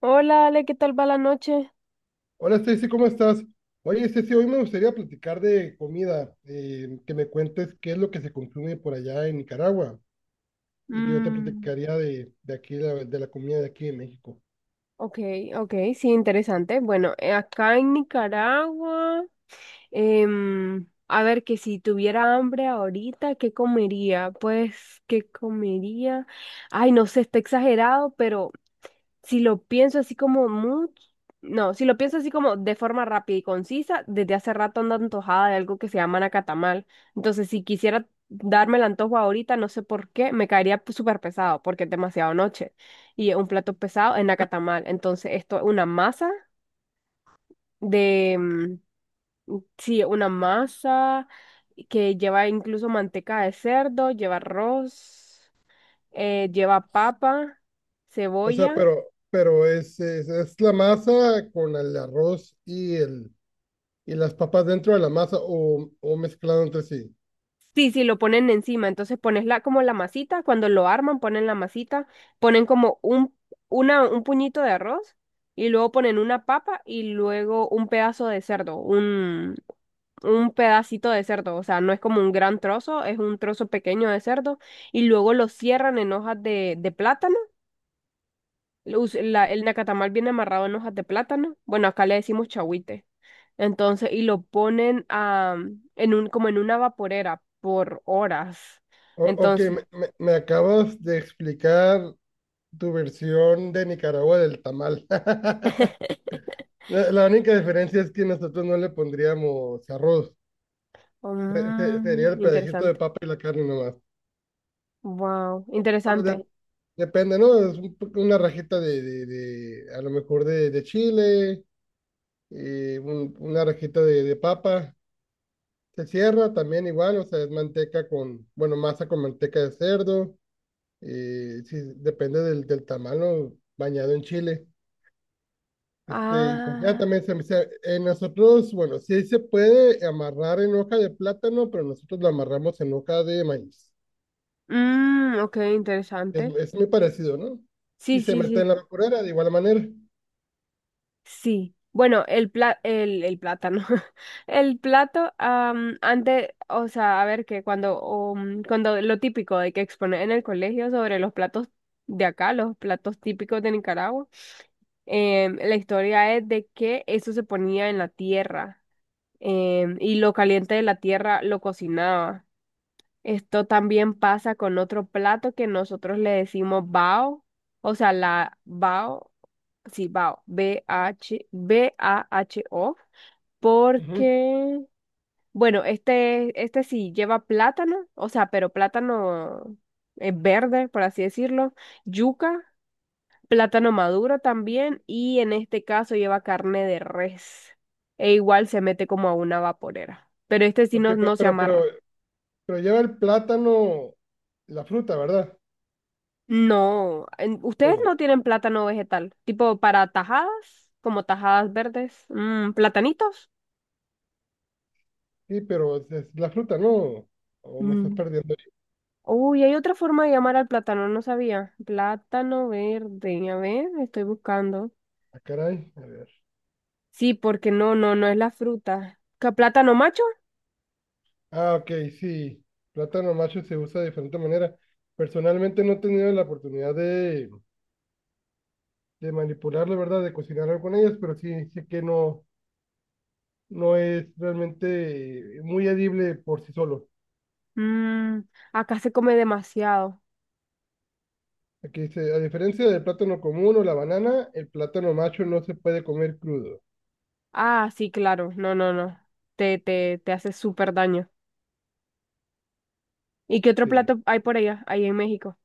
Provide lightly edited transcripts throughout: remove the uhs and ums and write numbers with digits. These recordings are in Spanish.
Hola, Ale, ¿qué tal va la noche? Hola Stacy, ¿cómo estás? Oye Stacy, hoy me gustaría platicar de comida, que me cuentes qué es lo que se consume por allá en Nicaragua, y yo te Mm. platicaría de aquí, de la comida de aquí de México. Ok, ok, sí, interesante. Bueno, acá en Nicaragua, a ver, que si tuviera hambre ahorita, ¿qué comería? Pues, ¿qué comería? Ay, no sé, está exagerado, pero si lo pienso así como mucho, no, si lo pienso así como de forma rápida y concisa, desde hace rato ando antojada de algo que se llama nacatamal. Entonces, si quisiera darme el antojo ahorita, no sé por qué, me caería pues, súper pesado porque es demasiado noche. Y un plato pesado es nacatamal. Entonces, esto es una masa de, mm, sí, una masa que lleva incluso manteca de cerdo, lleva arroz, lleva papa, O sea, cebolla. pero es, es la masa con el arroz y, y las papas dentro de la masa o mezclado entre sí. Sí, sí, lo ponen encima. Entonces pones la, como la masita, cuando lo arman, ponen la masita, ponen como un, una, un puñito de arroz y luego ponen una papa y luego un pedazo de cerdo, un pedacito de cerdo. O sea, no es como un gran trozo, es un trozo pequeño de cerdo y luego lo cierran en hojas de plátano. El nacatamal viene amarrado en hojas de plátano. Bueno, acá le decimos chahuite. Y lo ponen en un, como en una vaporera por horas. Ok, Entonces, me, me acabas de explicar tu versión de Nicaragua del tamal. La única diferencia es que nosotros no le pondríamos arroz. Sería mm, el pedacito de interesante. papa y la carne nomás. Wow, Bueno, interesante. depende, ¿no? Es una rajita a lo mejor de chile, una rajita de papa. Se cierra también igual, o sea, es bueno, masa con manteca de cerdo. Sí, depende del tamal, ¿no? Bañado en chile. Este, y pues ya Ah, también nosotros, bueno, sí se puede amarrar en hoja de plátano, pero nosotros lo amarramos en hoja de maíz. mm, ok, Es, interesante. es muy parecido, ¿no? Sí, Y se sí, mete sí. en la vaporera de igual manera. Sí, bueno, el plátano. Antes, o sea, a ver que cuando, um, cuando lo típico de que exponer en el colegio sobre los platos de acá, los platos típicos de Nicaragua, la historia es de que eso se ponía en la tierra, y lo caliente de la tierra lo cocinaba. Esto también pasa con otro plato que nosotros le decimos bao, o sea, la bao, sí, bao, B-H, B-A-H-O, Ujú. porque, bueno, este sí lleva plátano, o sea, pero plátano verde, por así decirlo, yuca, plátano maduro también, y en este caso lleva carne de res, e igual se mete como a una vaporera, pero este sí Ok, no, no se amarra. pero lleva el plátano, la fruta, ¿verdad? No, ustedes no ¿Cómo? tienen plátano vegetal, tipo para tajadas, como tajadas verdes, mm, platanitos. Sí, pero es la fruta, ¿no? O me estás Mm. perdiendo ahí. Uy, hay otra forma de llamar al plátano, no sabía. Plátano verde, a ver, estoy buscando. Ah, caray, a ver. Sí, porque no, no, no es la fruta. ¿Qué, plátano macho? Ah, ok, sí. Plátano macho se usa de diferente manera. Personalmente no he tenido la oportunidad de manipular, verdad, de cocinar algo con ellas, pero sí sé que no, no es realmente muy edible por sí solo. Mm, acá se come demasiado. Aquí dice, a diferencia del plátano común o la banana, el plátano macho no se puede comer crudo. Ah, sí, claro, no, no, no. Te hace súper daño. ¿Y qué otro Sí, plato hay por allá, ahí en México?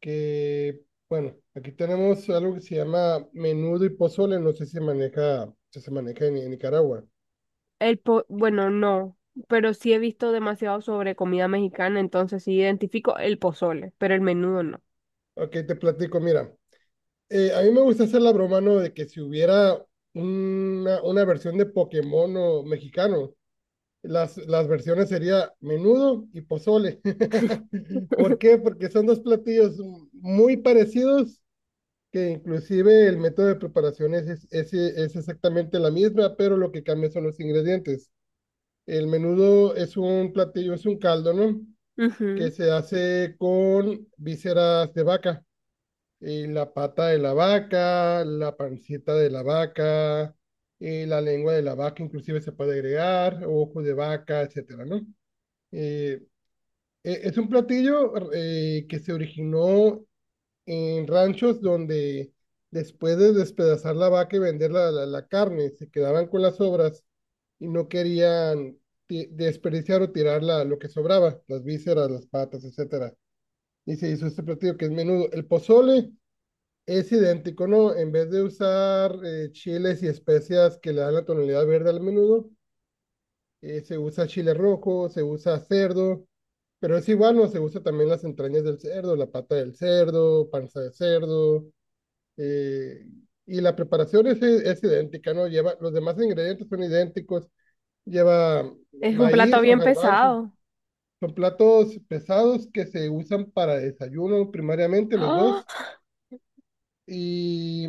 que, bueno, aquí tenemos algo que se llama menudo y pozole, no sé si se maneja en Nicaragua. Bueno, no, pero sí he visto demasiado sobre comida mexicana, entonces sí identifico el pozole, pero el menudo no. Ok, te platico, mira, a mí me gusta hacer la broma, ¿no? De que si hubiera una versión de Pokémon o mexicano, las versiones sería menudo y pozole. ¿Por qué? Porque son dos platillos muy parecidos, que inclusive el método de preparación es exactamente la misma, pero lo que cambia son los ingredientes. El menudo es un platillo, es un caldo, ¿no? Que Ujú. se hace con vísceras de vaca, y la pata de la vaca, la pancita de la vaca, y la lengua de la vaca, inclusive se puede agregar, ojo de vaca, etcétera, ¿no? Eh, es un platillo que se originó en ranchos donde después de despedazar la vaca y vender la carne, se quedaban con las sobras y no querían desperdiciar o tirar lo que sobraba, las vísceras, las patas, etcétera. Y se hizo este platillo que es menudo. El pozole es idéntico, ¿no? En vez de usar chiles y especias que le dan la tonalidad verde al menudo, se usa chile rojo, se usa cerdo, pero es igual, ¿no? Se usa también las entrañas del cerdo, la pata del cerdo, panza de cerdo, eh, y la preparación es idéntica, ¿no? Lleva, los demás ingredientes son idénticos, lleva Es un plato maíz o bien garbanzos, pesado. son platos pesados que se usan para desayuno primariamente los dos, ¡Ah! y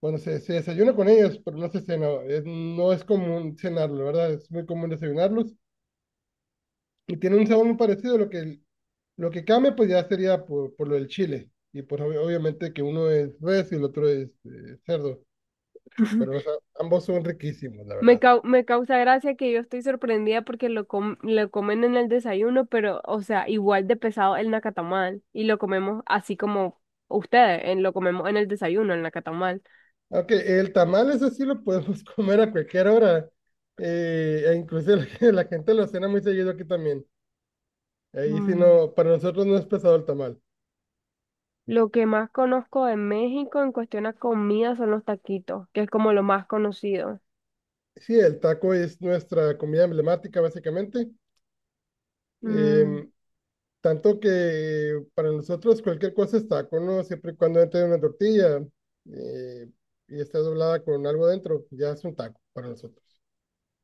bueno, se desayuna con ellos, pero no se cena, no es común cenarlo, ¿verdad? Es muy común desayunarlos. Y tiene un sabor muy parecido, lo que, lo que cambia pues ya sería por lo del chile. Y pues obviamente que uno es res y el otro es cerdo, pero o sea, ambos son riquísimos, la verdad. Me causa gracia que yo estoy sorprendida porque lo comen en el desayuno, pero, o sea, igual de pesado el nacatamal. Y lo comemos así como ustedes, lo comemos en el desayuno, el nacatamal. Aunque el tamal ese sí lo podemos comer a cualquier hora. E inclusive la gente lo cena muy seguido aquí también. Ahí sí no, para nosotros no es pesado el tamal. Lo que más conozco de México en cuestión a comida son los taquitos, que es como lo más conocido. Sí, el taco es nuestra comida emblemática básicamente. Mm, Em, Tanto que para nosotros cualquier cosa es taco, ¿no? Siempre y cuando entre una tortilla eh, y está doblada con algo dentro, ya es un taco para nosotros.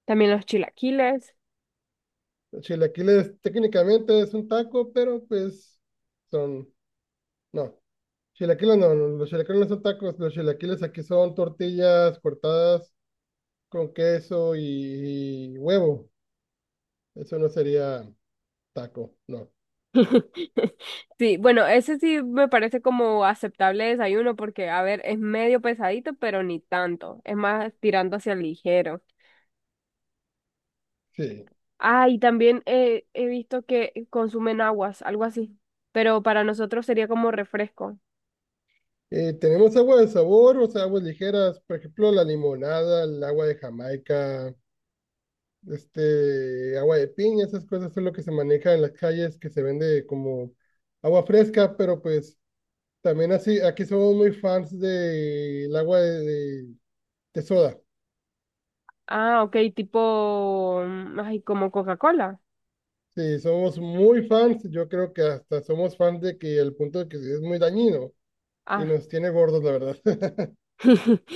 también los chilaquiles. Chilaquiles técnicamente es un taco, pero pues son, no. Chilaquiles no, no, los chilaquiles no son tacos, los chilaquiles aquí son tortillas cortadas con queso y huevo. Eso no sería taco, no. Sí, bueno, ese sí me parece como aceptable desayuno porque, a ver, es medio pesadito, pero ni tanto. Es más tirando hacia el ligero. Sí. Ah, y también he visto que consumen aguas, algo así. Pero para nosotros sería como refresco. Tenemos agua de sabor, o sea, aguas ligeras, por ejemplo, la limonada, el agua de Jamaica, este, agua de piña, esas cosas son lo que se maneja en las calles, que se vende como agua fresca, pero pues también así, aquí somos muy fans del agua de- de soda. Ah, ok, tipo, mm, ay, como Coca-Cola. Sí, somos muy fans, yo creo que hasta somos fans de que al punto de que es muy dañino y Ah. nos tiene gordos, la verdad.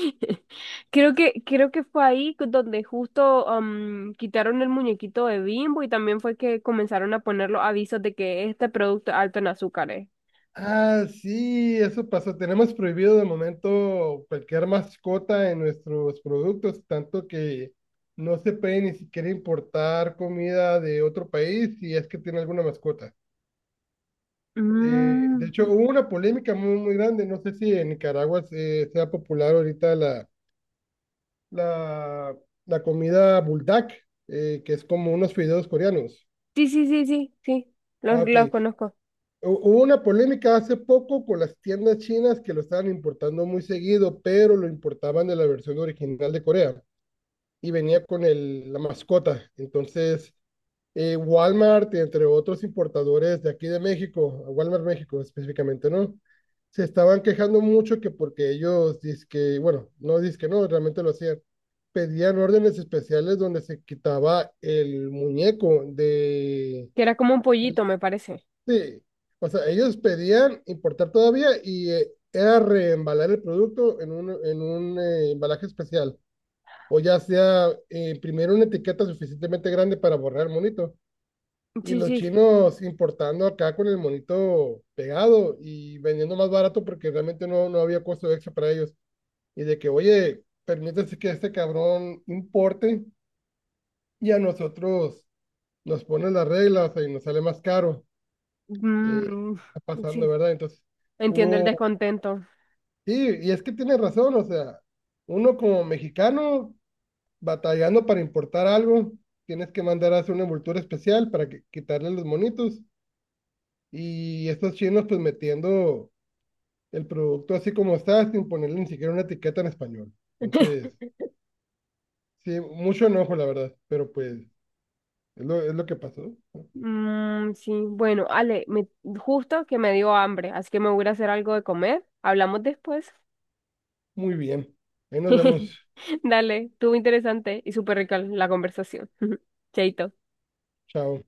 Creo que fue ahí donde justo quitaron el muñequito de Bimbo y también fue que comenzaron a poner los avisos de que este producto es alto en azúcares. Ah, sí, eso pasó. Tenemos prohibido de momento cualquier mascota en nuestros productos, tanto que no se puede ni siquiera importar comida de otro país si es que tiene alguna mascota. De hecho, Mm. hubo una polémica muy, muy grande. No sé si en Nicaragua sea popular ahorita la, la comida buldak, que es como unos fideos coreanos. Sí, sí, sí, sí, sí, Ah, ok. los conozco. Hubo una polémica hace poco con las tiendas chinas que lo estaban importando muy seguido, pero lo importaban de la versión original de Corea y venía con la mascota. Entonces, Walmart, entre otros importadores de aquí de México, Walmart México específicamente, ¿no? Se estaban quejando mucho que porque ellos que bueno, no que no, realmente lo hacían. Pedían órdenes especiales donde se quitaba el muñeco de. Que era como un pollito, me parece. Sí, o sea, ellos pedían importar todavía y era reembalar el producto en un embalaje especial. O ya sea imprimir una etiqueta suficientemente grande para borrar el monito. Y Sí, los sí. chinos importando acá con el monito pegado y vendiendo más barato porque realmente no, no había costo extra para ellos. Y de que, oye, permítese que este cabrón importe y a nosotros nos ponen las reglas y nos sale más caro. eh, Mm, Está sí, pasando, ¿verdad? Entonces, entiendo el hubo, descontento. sí, y es que tiene razón, o sea, uno como mexicano batallando para importar algo, tienes que mandar a hacer una envoltura especial para que, quitarle los monitos, y estos chinos pues metiendo el producto así como está, sin ponerle ni siquiera una etiqueta en español. Entonces, sí, mucho enojo, la verdad, pero pues es lo que pasó. Mm, sí, bueno, Ale, justo que me dio hambre, así que me voy a ir a hacer algo de comer. Hablamos después. Muy bien, ahí nos vemos, Dale, estuvo interesante y súper rica la conversación. Chaito. chao.